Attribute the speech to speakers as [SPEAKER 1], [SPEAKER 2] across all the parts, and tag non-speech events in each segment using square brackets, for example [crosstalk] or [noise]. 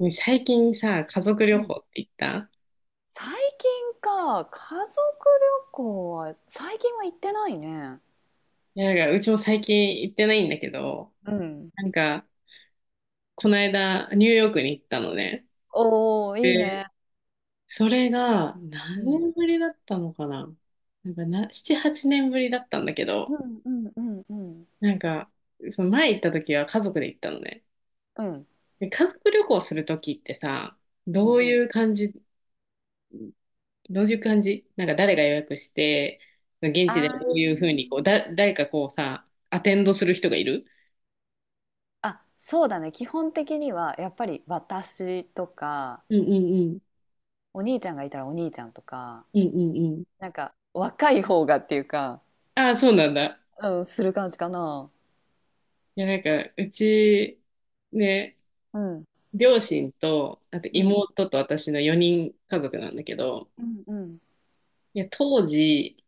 [SPEAKER 1] ね最近さ、家族
[SPEAKER 2] う
[SPEAKER 1] 旅
[SPEAKER 2] ん、
[SPEAKER 1] 行って行った？
[SPEAKER 2] 最近か、家族旅行は、最近は行ってないね。
[SPEAKER 1] いや、なんかうちも最近行ってないんだけど、
[SPEAKER 2] うん。
[SPEAKER 1] なんか、この間、ニューヨークに行ったのね。
[SPEAKER 2] おお、いい
[SPEAKER 1] で、
[SPEAKER 2] ね。
[SPEAKER 1] それが
[SPEAKER 2] う
[SPEAKER 1] 何
[SPEAKER 2] ん。
[SPEAKER 1] 年ぶりだったのかな？なんかな、7、8年ぶりだったんだけ
[SPEAKER 2] う
[SPEAKER 1] ど、
[SPEAKER 2] んうんうんうん。
[SPEAKER 1] なんか、その前行った時は家族で行ったのね。
[SPEAKER 2] うん。
[SPEAKER 1] で、家族旅行する時ってさ、
[SPEAKER 2] う
[SPEAKER 1] ど
[SPEAKER 2] ん。
[SPEAKER 1] ういう感じ、どういう感じ、なんか誰が予約して、現
[SPEAKER 2] あ
[SPEAKER 1] 地でどういうふうにこう、
[SPEAKER 2] ー
[SPEAKER 1] 誰かこうさ、アテンドする人がいる？
[SPEAKER 2] あ、そうだね。基本的には、やっぱり私とか、
[SPEAKER 1] うんうんうん。
[SPEAKER 2] お兄ちゃんがいたらお兄ちゃんとか、
[SPEAKER 1] うんうんうん。
[SPEAKER 2] なんか若い方がっていうか、
[SPEAKER 1] ああ、そうなんだ。
[SPEAKER 2] うん、する感じかな。
[SPEAKER 1] いや、なんか、うち、ね、
[SPEAKER 2] うん。
[SPEAKER 1] 両親と、あと
[SPEAKER 2] うん。
[SPEAKER 1] 妹と私の4人家族なんだけど、
[SPEAKER 2] うんうん。
[SPEAKER 1] いや、当時、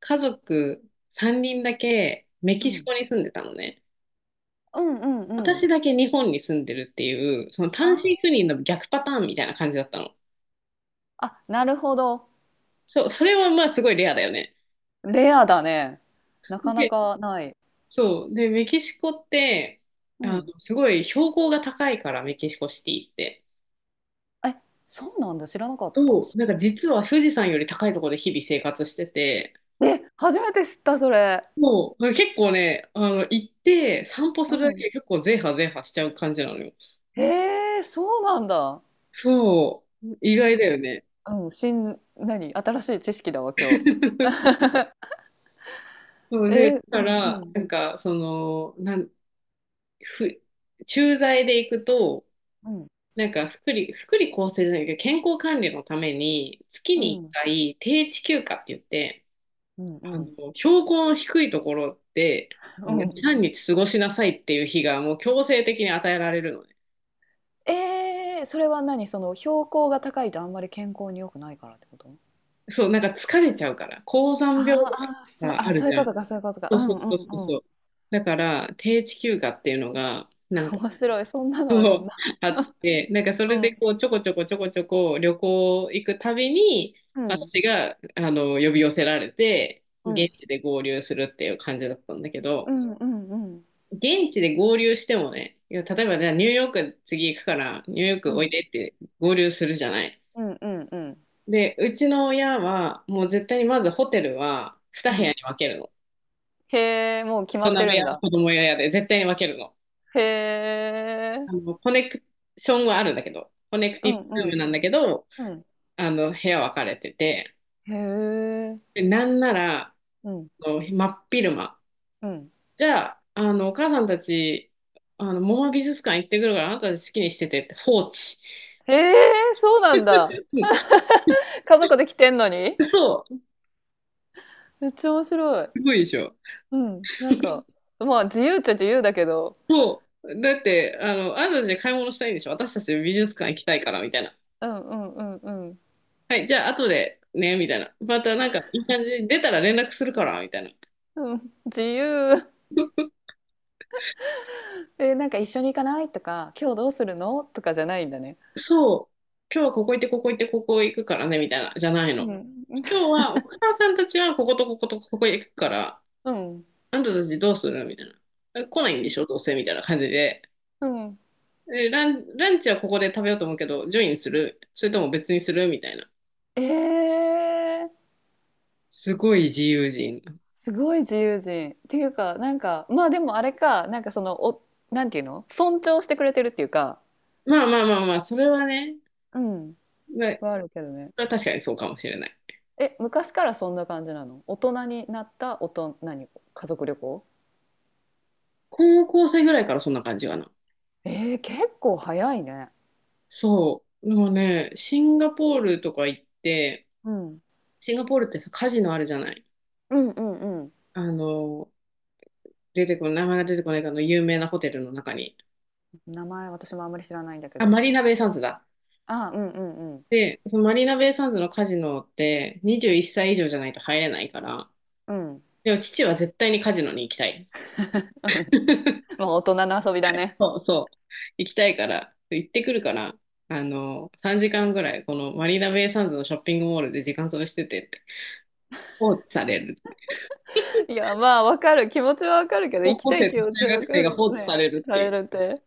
[SPEAKER 1] 家族3人だけメ
[SPEAKER 2] う
[SPEAKER 1] キシ
[SPEAKER 2] ん。
[SPEAKER 1] コに住んでたのね。
[SPEAKER 2] うんうんうん。
[SPEAKER 1] 私だけ日本に住んでるっていう、その単
[SPEAKER 2] あ、
[SPEAKER 1] 身赴任の逆パターンみたいな感じだったの。
[SPEAKER 2] あ、なるほど。
[SPEAKER 1] そう、それはまあすごいレアだよね。
[SPEAKER 2] レアだね。なかな
[SPEAKER 1] で、
[SPEAKER 2] かない。
[SPEAKER 1] そう。で、メキシコって、
[SPEAKER 2] うん。
[SPEAKER 1] すごい標高が高いから、メキシコシティって。
[SPEAKER 2] え、そうなんだ。知らなかった。
[SPEAKER 1] そう、なんか実は富士山より高いところで日々生活してて、
[SPEAKER 2] え、初めて知った、それ。
[SPEAKER 1] もう結構ね、行って散歩
[SPEAKER 2] う
[SPEAKER 1] するだけ
[SPEAKER 2] ん。
[SPEAKER 1] で結構ゼーハ派ゼーハしちゃう感じなのよ。
[SPEAKER 2] へえ、そうなんだ。
[SPEAKER 1] そう、意
[SPEAKER 2] なん
[SPEAKER 1] 外だ
[SPEAKER 2] か、
[SPEAKER 1] よね。
[SPEAKER 2] うん、新しい知識だわ、今日。
[SPEAKER 1] [laughs] そう
[SPEAKER 2] え
[SPEAKER 1] で、
[SPEAKER 2] ー、
[SPEAKER 1] だか
[SPEAKER 2] う
[SPEAKER 1] ら、
[SPEAKER 2] んうん
[SPEAKER 1] なんか、その、なん、ふ、駐在で行くと、
[SPEAKER 2] うん
[SPEAKER 1] なんか、福利厚生じゃないけど、健康管理のために、月
[SPEAKER 2] う
[SPEAKER 1] に1
[SPEAKER 2] ん
[SPEAKER 1] 回、定置休暇って言って、
[SPEAKER 2] う
[SPEAKER 1] あの、
[SPEAKER 2] ん
[SPEAKER 1] 標高の低いところで、
[SPEAKER 2] う
[SPEAKER 1] 2、
[SPEAKER 2] んうん。
[SPEAKER 1] 3日過ごしなさいっていう日がもう強制的に与えられるのね。
[SPEAKER 2] えー、それは何、その標高が高いとあんまり健康に良くないからってこと、
[SPEAKER 1] そう、なんか疲れちゃうから、高山病と
[SPEAKER 2] あ
[SPEAKER 1] か
[SPEAKER 2] ーあー、そう、
[SPEAKER 1] があ
[SPEAKER 2] あ、
[SPEAKER 1] る
[SPEAKER 2] そうい
[SPEAKER 1] じ
[SPEAKER 2] う
[SPEAKER 1] ゃ
[SPEAKER 2] こ
[SPEAKER 1] ん。
[SPEAKER 2] とか、そういうことか。
[SPEAKER 1] そ
[SPEAKER 2] う
[SPEAKER 1] うそ
[SPEAKER 2] ん
[SPEAKER 1] う
[SPEAKER 2] う
[SPEAKER 1] そうそう
[SPEAKER 2] んう
[SPEAKER 1] そ
[SPEAKER 2] ん。
[SPEAKER 1] う。だから、低地休暇っていうのが、なんか
[SPEAKER 2] 面白い、そんなのあるんだ。
[SPEAKER 1] あって、なんかそ
[SPEAKER 2] う
[SPEAKER 1] れで
[SPEAKER 2] ん
[SPEAKER 1] こう、ちょこちょこちょこちょこ旅行行くたびに、
[SPEAKER 2] うん
[SPEAKER 1] 私が、呼び寄せられて、
[SPEAKER 2] う
[SPEAKER 1] 現
[SPEAKER 2] ん
[SPEAKER 1] 地で合流するっていう感じだったんだけ
[SPEAKER 2] う
[SPEAKER 1] ど、
[SPEAKER 2] んうんうん。
[SPEAKER 1] 現地で合流してもね、いや例えばね、ニューヨーク次行くから、ニューヨー
[SPEAKER 2] う
[SPEAKER 1] クおい
[SPEAKER 2] ん。
[SPEAKER 1] でって合流するじゃない。
[SPEAKER 2] うんうんうん。
[SPEAKER 1] で、うちの親は、もう絶対にまずホテルは二
[SPEAKER 2] う
[SPEAKER 1] 部屋
[SPEAKER 2] ん。
[SPEAKER 1] に分けるの。
[SPEAKER 2] へえ、もう決ま
[SPEAKER 1] 大
[SPEAKER 2] っ
[SPEAKER 1] 人
[SPEAKER 2] て
[SPEAKER 1] 部
[SPEAKER 2] るん
[SPEAKER 1] 屋と
[SPEAKER 2] だ。
[SPEAKER 1] 子供部屋で絶対に分けるの。
[SPEAKER 2] へえ。
[SPEAKER 1] コネクションはあるんだけど、コネク
[SPEAKER 2] う
[SPEAKER 1] テ
[SPEAKER 2] ん
[SPEAKER 1] ィ
[SPEAKER 2] う
[SPEAKER 1] ブルームな
[SPEAKER 2] ん
[SPEAKER 1] んだけど、
[SPEAKER 2] うん。
[SPEAKER 1] 部屋分かれてて、
[SPEAKER 2] へえ。
[SPEAKER 1] で、なんなら、
[SPEAKER 2] うん
[SPEAKER 1] あの真っ昼間。
[SPEAKER 2] うん。
[SPEAKER 1] じゃあ、お母さんたち、モマ美術館行ってくるから、あなたたち好きにしててって放置。
[SPEAKER 2] へえ、そうなんだ。
[SPEAKER 1] う
[SPEAKER 2] 家族で来てんのに？
[SPEAKER 1] ん、そう。
[SPEAKER 2] めっちゃ面白い。
[SPEAKER 1] すごいでしょ。
[SPEAKER 2] うん、なんか、まあ、自由っちゃ自由だけど。
[SPEAKER 1] だって、あなたたち買い物したいんでしょ。私たち美術館行きたいから、みたいな。
[SPEAKER 2] うんうんうんうん。
[SPEAKER 1] はい、じゃあ後でね、みたいな。またなんかいい感じに出たら連絡するから、みたいな。
[SPEAKER 2] うん、自由。え、なんか一緒に行かない？とか、今日どうするの？とかじゃないんだね。
[SPEAKER 1] そう、今日はここ行って、ここ行って、ここ行くからね、みたいな、じゃない
[SPEAKER 2] う
[SPEAKER 1] の。
[SPEAKER 2] ん。
[SPEAKER 1] 今日はお母さんたちはこことこことここ行くから、
[SPEAKER 2] うん。
[SPEAKER 1] あんたたちどうするみたいな。来ないんでしょ、どうせみたいな感じで。
[SPEAKER 2] うん。
[SPEAKER 1] えラン、ランチはここで食べようと思うけど、ジョインするそれとも別にするみたいな。
[SPEAKER 2] ええ。
[SPEAKER 1] すごい自由人。
[SPEAKER 2] すごい自由人っていうか、なんかまあでもあれか、なんかそのお、なんていうの、尊重してくれてるっていうか、
[SPEAKER 1] まあまあまあまあ、それはね、
[SPEAKER 2] うん、
[SPEAKER 1] ま
[SPEAKER 2] はあるけどね。
[SPEAKER 1] あ確かにそうかもしれない。
[SPEAKER 2] え、昔からそんな感じなの？大人になった大人、何、家族旅行。
[SPEAKER 1] 高校生ぐらいからそんな感じかな。
[SPEAKER 2] えー、結構早いね、
[SPEAKER 1] そう。でもね、シンガポールとか行って、
[SPEAKER 2] うん、
[SPEAKER 1] シンガポールってさ、カジノあるじゃない。
[SPEAKER 2] うんうんうん。
[SPEAKER 1] あの、名前が出てこないかの有名なホテルの中に。
[SPEAKER 2] 名前私もあんまり知らないんだけ
[SPEAKER 1] あ、
[SPEAKER 2] ど。
[SPEAKER 1] マリーナベイサンズだ。
[SPEAKER 2] あ、うんうんうん。
[SPEAKER 1] で、そのマリーナベイサンズのカジノって21歳以上じゃないと入れないから、
[SPEAKER 2] うん、
[SPEAKER 1] でも父は絶対にカジノに行きたい。
[SPEAKER 2] まあ大人の遊びだね。
[SPEAKER 1] そうそう。行きたいから、行ってくるから、3時間ぐらい、このマリーナベイサンズのショッピングモールで時間潰しててって放置される。
[SPEAKER 2] [laughs] いや、まあわかる、気持ちはわかるけど。
[SPEAKER 1] 高
[SPEAKER 2] 行き
[SPEAKER 1] 校
[SPEAKER 2] たい
[SPEAKER 1] 生と
[SPEAKER 2] 気持ち
[SPEAKER 1] 中
[SPEAKER 2] は
[SPEAKER 1] 学
[SPEAKER 2] わか
[SPEAKER 1] 生が
[SPEAKER 2] る
[SPEAKER 1] 放置さ
[SPEAKER 2] ね。
[SPEAKER 1] れるっ
[SPEAKER 2] ら、 [laughs]
[SPEAKER 1] ていう。
[SPEAKER 2] れるって、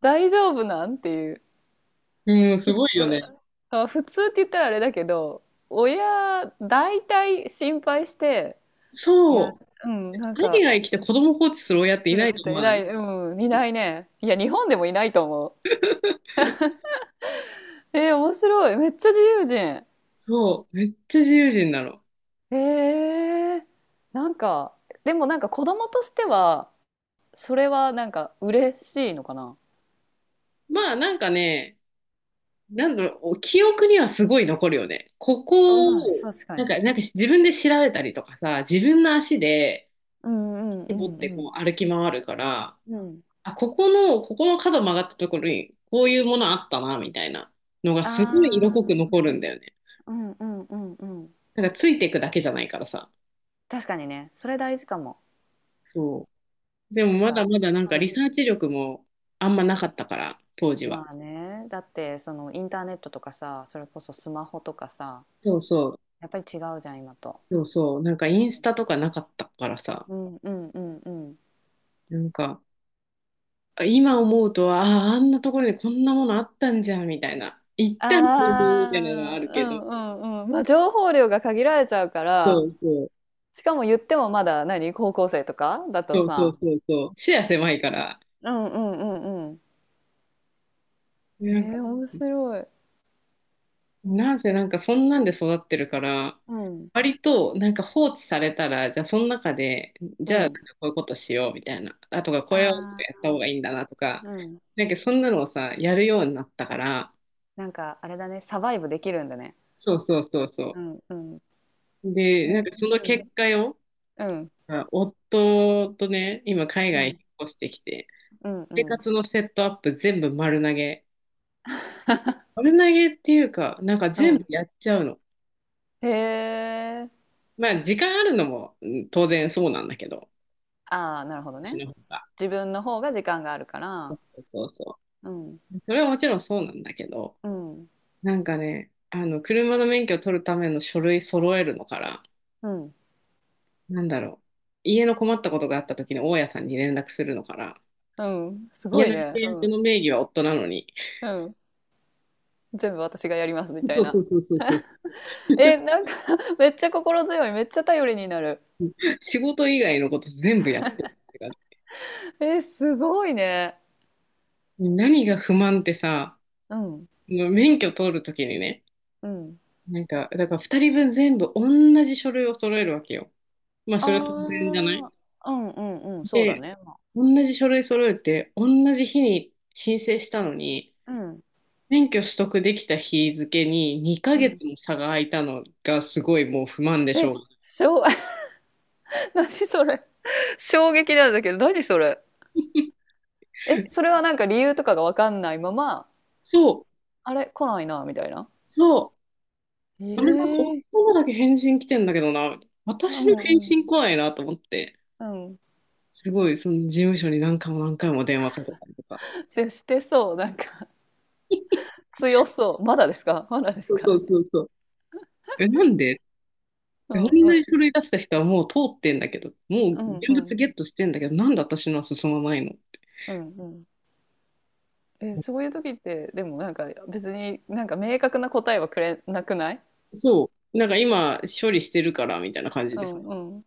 [SPEAKER 2] 大丈夫なんっていう。
[SPEAKER 1] うん、すごい
[SPEAKER 2] う
[SPEAKER 1] よ
[SPEAKER 2] わ、
[SPEAKER 1] ね。
[SPEAKER 2] あ普通って言ったらあれだけど、親大体心配して。いや、
[SPEAKER 1] そう。
[SPEAKER 2] うん、なん
[SPEAKER 1] 海
[SPEAKER 2] か、
[SPEAKER 1] 外来て子供放置する親ってい
[SPEAKER 2] うる
[SPEAKER 1] な
[SPEAKER 2] だ
[SPEAKER 1] い
[SPEAKER 2] っ
[SPEAKER 1] と思
[SPEAKER 2] てい
[SPEAKER 1] わな
[SPEAKER 2] な
[SPEAKER 1] い？
[SPEAKER 2] い、うん、いないね。いや日本でもいないと思う。えー、面白い、めっちゃ自由人。
[SPEAKER 1] そう。めっちゃ自由人なの。
[SPEAKER 2] えー、なんか、でもなんか子供としては、それはなんか嬉しいのかな。
[SPEAKER 1] まあなんかね、なんだろう、記憶にはすごい残るよね。こ
[SPEAKER 2] あ、
[SPEAKER 1] こ
[SPEAKER 2] まあ
[SPEAKER 1] を、
[SPEAKER 2] 確かに。
[SPEAKER 1] なんか自分で調べたりとかさ、自分の足で
[SPEAKER 2] うんうんう
[SPEAKER 1] 持っ
[SPEAKER 2] ん
[SPEAKER 1] て
[SPEAKER 2] うん。
[SPEAKER 1] こう歩き回るから、
[SPEAKER 2] うん。
[SPEAKER 1] あ、ここの角曲がったところに、こういうものあったな、みたいなのがすごい色濃く
[SPEAKER 2] ああ
[SPEAKER 1] 残るんだよね。
[SPEAKER 2] ー、うんうんうんうん。
[SPEAKER 1] なんかついていくだけじゃないからさ。
[SPEAKER 2] 確かにね、それ大事かも。
[SPEAKER 1] そう。でも
[SPEAKER 2] なん
[SPEAKER 1] まだ
[SPEAKER 2] か、
[SPEAKER 1] まだなん
[SPEAKER 2] う
[SPEAKER 1] かリ
[SPEAKER 2] ん。
[SPEAKER 1] サーチ力もあんまなかったから、当時は。
[SPEAKER 2] まあね、だってそのインターネットとかさ、それこそスマホとかさ、
[SPEAKER 1] そうそう、
[SPEAKER 2] やっぱり違うじゃん、今と。
[SPEAKER 1] そうそう。なんかインスタとかなかったからさ、
[SPEAKER 2] うんうんうんうん。
[SPEAKER 1] なんかあ今思うとは、ああ、あんなところにこんなものあったんじゃんみたいな。行ったのにみたいなのはあ
[SPEAKER 2] あ
[SPEAKER 1] る
[SPEAKER 2] あ、う
[SPEAKER 1] けど。
[SPEAKER 2] んうんうん。まあ情報量が限られちゃうか
[SPEAKER 1] そ
[SPEAKER 2] ら、
[SPEAKER 1] うそう、
[SPEAKER 2] しかも言ってもまだ何、高校生とかだと
[SPEAKER 1] そうそう
[SPEAKER 2] さ、
[SPEAKER 1] そうそう。視野狭いから。
[SPEAKER 2] うんうんうんうん。
[SPEAKER 1] なんか
[SPEAKER 2] えー、面白い。
[SPEAKER 1] なんせなんかそんなんで育ってるから、
[SPEAKER 2] うん。
[SPEAKER 1] 割となんか放置されたら、じゃあその中で、
[SPEAKER 2] う
[SPEAKER 1] じゃあなんか
[SPEAKER 2] ん。
[SPEAKER 1] こういうことしようみたいな、あとかこれをや
[SPEAKER 2] あ
[SPEAKER 1] っ
[SPEAKER 2] あ、
[SPEAKER 1] た方がいいんだなとか、
[SPEAKER 2] うん。
[SPEAKER 1] なんかそんなのをさ、やるようになったから、
[SPEAKER 2] なんかあれだね、サバイブできるんだね。
[SPEAKER 1] そうそうそうそ
[SPEAKER 2] うんうん。
[SPEAKER 1] う。
[SPEAKER 2] えー
[SPEAKER 1] で、なんかその結果よ、
[SPEAKER 2] うんうん
[SPEAKER 1] あ夫とね、今海
[SPEAKER 2] う
[SPEAKER 1] 外に
[SPEAKER 2] ん
[SPEAKER 1] 引っ越してきて、
[SPEAKER 2] う
[SPEAKER 1] 生
[SPEAKER 2] ん
[SPEAKER 1] 活のセットアップ全部丸投げ。丸投げっていうか、なんか
[SPEAKER 2] う
[SPEAKER 1] 全部
[SPEAKER 2] ん。
[SPEAKER 1] やっちゃうの。
[SPEAKER 2] へえ。
[SPEAKER 1] まあ時間あるのも、うん、当然そうなんだけど、
[SPEAKER 2] ああ、なるほど
[SPEAKER 1] 私
[SPEAKER 2] ね。
[SPEAKER 1] の方が。
[SPEAKER 2] 自分の方が時間があるから、
[SPEAKER 1] そうそ
[SPEAKER 2] うん、
[SPEAKER 1] う。それはもちろんそうなんだけど、
[SPEAKER 2] うん、
[SPEAKER 1] なんかね、車の免許を取るための書類揃えるのから、
[SPEAKER 2] うん、
[SPEAKER 1] なんだろう、家の困ったことがあった時に大家さんに連絡するのから、
[SPEAKER 2] うん、す
[SPEAKER 1] 家
[SPEAKER 2] ごい
[SPEAKER 1] の契
[SPEAKER 2] ね。う
[SPEAKER 1] 約
[SPEAKER 2] ん、
[SPEAKER 1] の名義は夫なのに、
[SPEAKER 2] うん。全部私がやりますみた
[SPEAKER 1] そ
[SPEAKER 2] い
[SPEAKER 1] うそ
[SPEAKER 2] な。
[SPEAKER 1] うそうそうそう、
[SPEAKER 2] え、なんか [laughs] めっちゃ心強い。めっちゃ頼りになる。
[SPEAKER 1] 仕事以外のこと全部やってるって感じ。
[SPEAKER 2] え、すごいね。
[SPEAKER 1] 何が不満ってさ、
[SPEAKER 2] うん、
[SPEAKER 1] その免許取る時にね、
[SPEAKER 2] うん。
[SPEAKER 1] なんか、だから2人分全部同じ書類を揃えるわけよ。まあ、それは当然
[SPEAKER 2] あ
[SPEAKER 1] じゃない？
[SPEAKER 2] あ、うんうんうん、そうだ
[SPEAKER 1] で、
[SPEAKER 2] ね。
[SPEAKER 1] 同じ書類揃えて、同じ日に申請したのに、
[SPEAKER 2] うん、
[SPEAKER 1] 免許取得できた日付に2
[SPEAKER 2] う
[SPEAKER 1] ヶ
[SPEAKER 2] ん。
[SPEAKER 1] 月も差が空いたのがすごいもう不満でしょ
[SPEAKER 2] え、
[SPEAKER 1] う。
[SPEAKER 2] しょう、[laughs] 何それ。衝撃なんだけど、何それ。え、それはなんか理由とかがわかんないまま、
[SPEAKER 1] そう、
[SPEAKER 2] あれ、来ないな、みたいな。
[SPEAKER 1] そう、あれなんか
[SPEAKER 2] ええ、
[SPEAKER 1] 夫のだけ返信来てんだけどな、
[SPEAKER 2] う
[SPEAKER 1] 私の返
[SPEAKER 2] んうん。
[SPEAKER 1] 信来ないなと思って、
[SPEAKER 2] うん。
[SPEAKER 1] すごいその事務所に何回も何回も電話かけたりとか。
[SPEAKER 2] 接してそう。なんか、[laughs] 強そう。まだですか [laughs] まだです
[SPEAKER 1] そう
[SPEAKER 2] か
[SPEAKER 1] そ
[SPEAKER 2] [laughs]
[SPEAKER 1] うそうそう。え、なんで
[SPEAKER 2] う
[SPEAKER 1] 同
[SPEAKER 2] んうん。
[SPEAKER 1] じ書類出した人はもう通ってんだけど、も
[SPEAKER 2] う
[SPEAKER 1] う
[SPEAKER 2] ん
[SPEAKER 1] 現
[SPEAKER 2] う
[SPEAKER 1] 物
[SPEAKER 2] ん。
[SPEAKER 1] ゲットしてんだけど、なんで私のは進まないの？
[SPEAKER 2] うんうん。え、そういう時って、でもなんか別になんか明確な答えはくれなくない？
[SPEAKER 1] そう。なんか今、処理してるから、みたいな感
[SPEAKER 2] [laughs]
[SPEAKER 1] じ
[SPEAKER 2] う
[SPEAKER 1] で
[SPEAKER 2] ん
[SPEAKER 1] すね。
[SPEAKER 2] うん。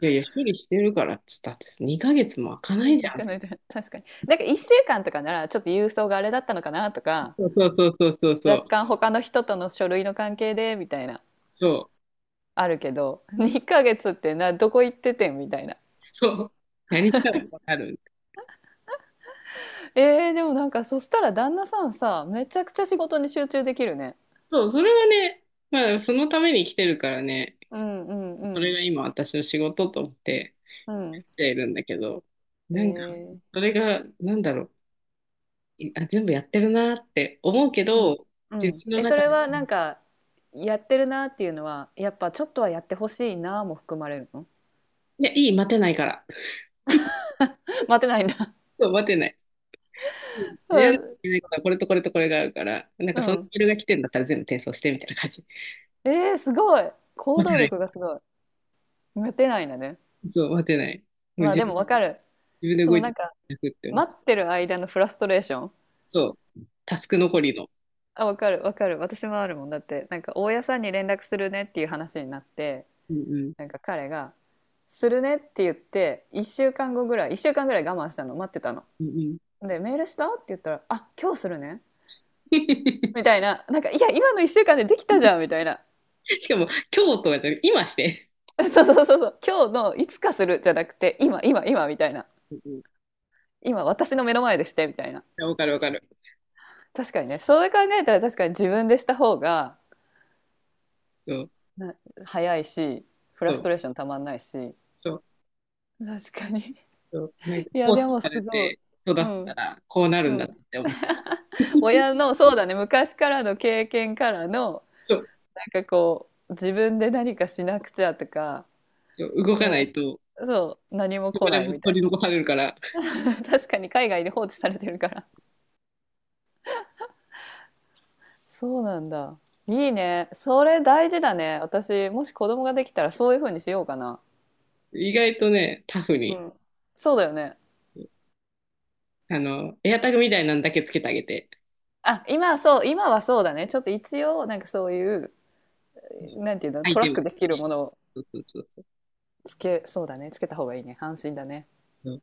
[SPEAKER 1] いやいや、処理してるからっつったって、2ヶ月も開かないじ
[SPEAKER 2] 若
[SPEAKER 1] ゃん。
[SPEAKER 2] 干の [laughs] 確かに。なんか1週間とかならちょっと郵送があれだったのかなとか、
[SPEAKER 1] そうそうそうそうそうそ
[SPEAKER 2] 若
[SPEAKER 1] う。
[SPEAKER 2] 干他の人との書類の関係でみたいな、
[SPEAKER 1] そう。
[SPEAKER 2] あるけど、[laughs] 2ヶ月ってな、どこ行っててんみたいな。
[SPEAKER 1] そう。何したらわかる？
[SPEAKER 2] [laughs] えー、でもなんかそしたら旦那さんさ、めちゃくちゃ仕事に集中できるね。
[SPEAKER 1] そう、それはね、まあ、そのために来てるからね、
[SPEAKER 2] うんうんう
[SPEAKER 1] それ
[SPEAKER 2] ん。
[SPEAKER 1] が今私の仕事と思って
[SPEAKER 2] うん。
[SPEAKER 1] 来ているんだけど、
[SPEAKER 2] へ
[SPEAKER 1] なんか、
[SPEAKER 2] え。
[SPEAKER 1] それが、なんだろう、全部やってるなって思うけ
[SPEAKER 2] うん。
[SPEAKER 1] ど、
[SPEAKER 2] う
[SPEAKER 1] 自
[SPEAKER 2] ん。
[SPEAKER 1] 分の
[SPEAKER 2] え、そ
[SPEAKER 1] 中
[SPEAKER 2] れ
[SPEAKER 1] で、
[SPEAKER 2] はなんか、やってるなっていうのは、やっぱちょっとはやってほしいなも含まれるの？
[SPEAKER 1] いや、いい、待てないから。
[SPEAKER 2] [laughs] 待てないんだ。
[SPEAKER 1] そう、待てない。うん。やら
[SPEAKER 2] う
[SPEAKER 1] なきゃ
[SPEAKER 2] ん
[SPEAKER 1] いけないことはこれとこれとこれがあるから、なんか
[SPEAKER 2] う
[SPEAKER 1] その
[SPEAKER 2] ん。
[SPEAKER 1] メールが来てんだったら全部転送してみたいな感じ。
[SPEAKER 2] えー、すごい。行
[SPEAKER 1] 待て
[SPEAKER 2] 動
[SPEAKER 1] な
[SPEAKER 2] 力が
[SPEAKER 1] い。
[SPEAKER 2] すごい。待てないんだね。
[SPEAKER 1] そう、待てない。もう
[SPEAKER 2] まあでもわかる。
[SPEAKER 1] 自分で
[SPEAKER 2] そ
[SPEAKER 1] 動
[SPEAKER 2] の
[SPEAKER 1] いて
[SPEAKER 2] なんか、
[SPEAKER 1] なくって思っ
[SPEAKER 2] 待
[SPEAKER 1] て。
[SPEAKER 2] ってる間のフラストレーション。
[SPEAKER 1] そう。タスク残りの。
[SPEAKER 2] あ、わかるわかる。私もあるもん。だって、なんか大家さんに連絡するねっていう話になって、
[SPEAKER 1] うんうん。
[SPEAKER 2] なんか彼が、するねって言って、1週間後ぐらい、1週間ぐらい我慢したの、待ってたの。
[SPEAKER 1] うんうん。
[SPEAKER 2] で、メールしたって言ったら、あ、今日するね。み
[SPEAKER 1] [laughs]
[SPEAKER 2] たいな、なんか、いや、今の1週間でできたじゃん、みたいな。
[SPEAKER 1] しかも、今日とかじゃなくて今して。
[SPEAKER 2] [laughs]。そうそうそうそう、今日のいつかするじゃなくて、今、今、今、みたいな。
[SPEAKER 1] うんうん。い
[SPEAKER 2] 今、私の目の前でして、みたいな。
[SPEAKER 1] やわかるわかる。
[SPEAKER 2] 確かにね、そう考えたら確かに自分でした方が
[SPEAKER 1] そう、
[SPEAKER 2] 早いし、フ
[SPEAKER 1] そ
[SPEAKER 2] ラス
[SPEAKER 1] う、
[SPEAKER 2] トレーションたまんないし。
[SPEAKER 1] そう、
[SPEAKER 2] 確かに。
[SPEAKER 1] そう。なんか、
[SPEAKER 2] い
[SPEAKER 1] 放
[SPEAKER 2] や、で
[SPEAKER 1] 置
[SPEAKER 2] も
[SPEAKER 1] され
[SPEAKER 2] すごい。
[SPEAKER 1] て育っ
[SPEAKER 2] う
[SPEAKER 1] た
[SPEAKER 2] ん。
[SPEAKER 1] ら、こうなる
[SPEAKER 2] う
[SPEAKER 1] んだなっ
[SPEAKER 2] ん。
[SPEAKER 1] て思った。
[SPEAKER 2] 親の、そうだね、昔からの経験からの、
[SPEAKER 1] そう、
[SPEAKER 2] なんかこう、自分で何かしなくちゃとか、
[SPEAKER 1] そう動かな
[SPEAKER 2] そ
[SPEAKER 1] いと、
[SPEAKER 2] う。そう、何も
[SPEAKER 1] 生
[SPEAKER 2] 来
[SPEAKER 1] まれ
[SPEAKER 2] ない
[SPEAKER 1] も
[SPEAKER 2] みた
[SPEAKER 1] 取
[SPEAKER 2] い
[SPEAKER 1] り残されるから、
[SPEAKER 2] な。[laughs] 確かに海外で放置されてるから。そうなんだ。いいね。それ大事だね。私、もし子供ができたらそういう風にしようかな。
[SPEAKER 1] 意外とね、タフ
[SPEAKER 2] う
[SPEAKER 1] に。
[SPEAKER 2] ん。そうだよね。
[SPEAKER 1] エアタグみたいなんだけつけてあげて、
[SPEAKER 2] あ、今はそう、今はそうだね。ちょっと一応、なんかそういう、なんていうの、
[SPEAKER 1] 相手
[SPEAKER 2] トラ
[SPEAKER 1] テ
[SPEAKER 2] ッ
[SPEAKER 1] ム
[SPEAKER 2] クできるものを
[SPEAKER 1] そうそうそうそ
[SPEAKER 2] つけ、そうだね。つけた方がいいね。安心だね。
[SPEAKER 1] う。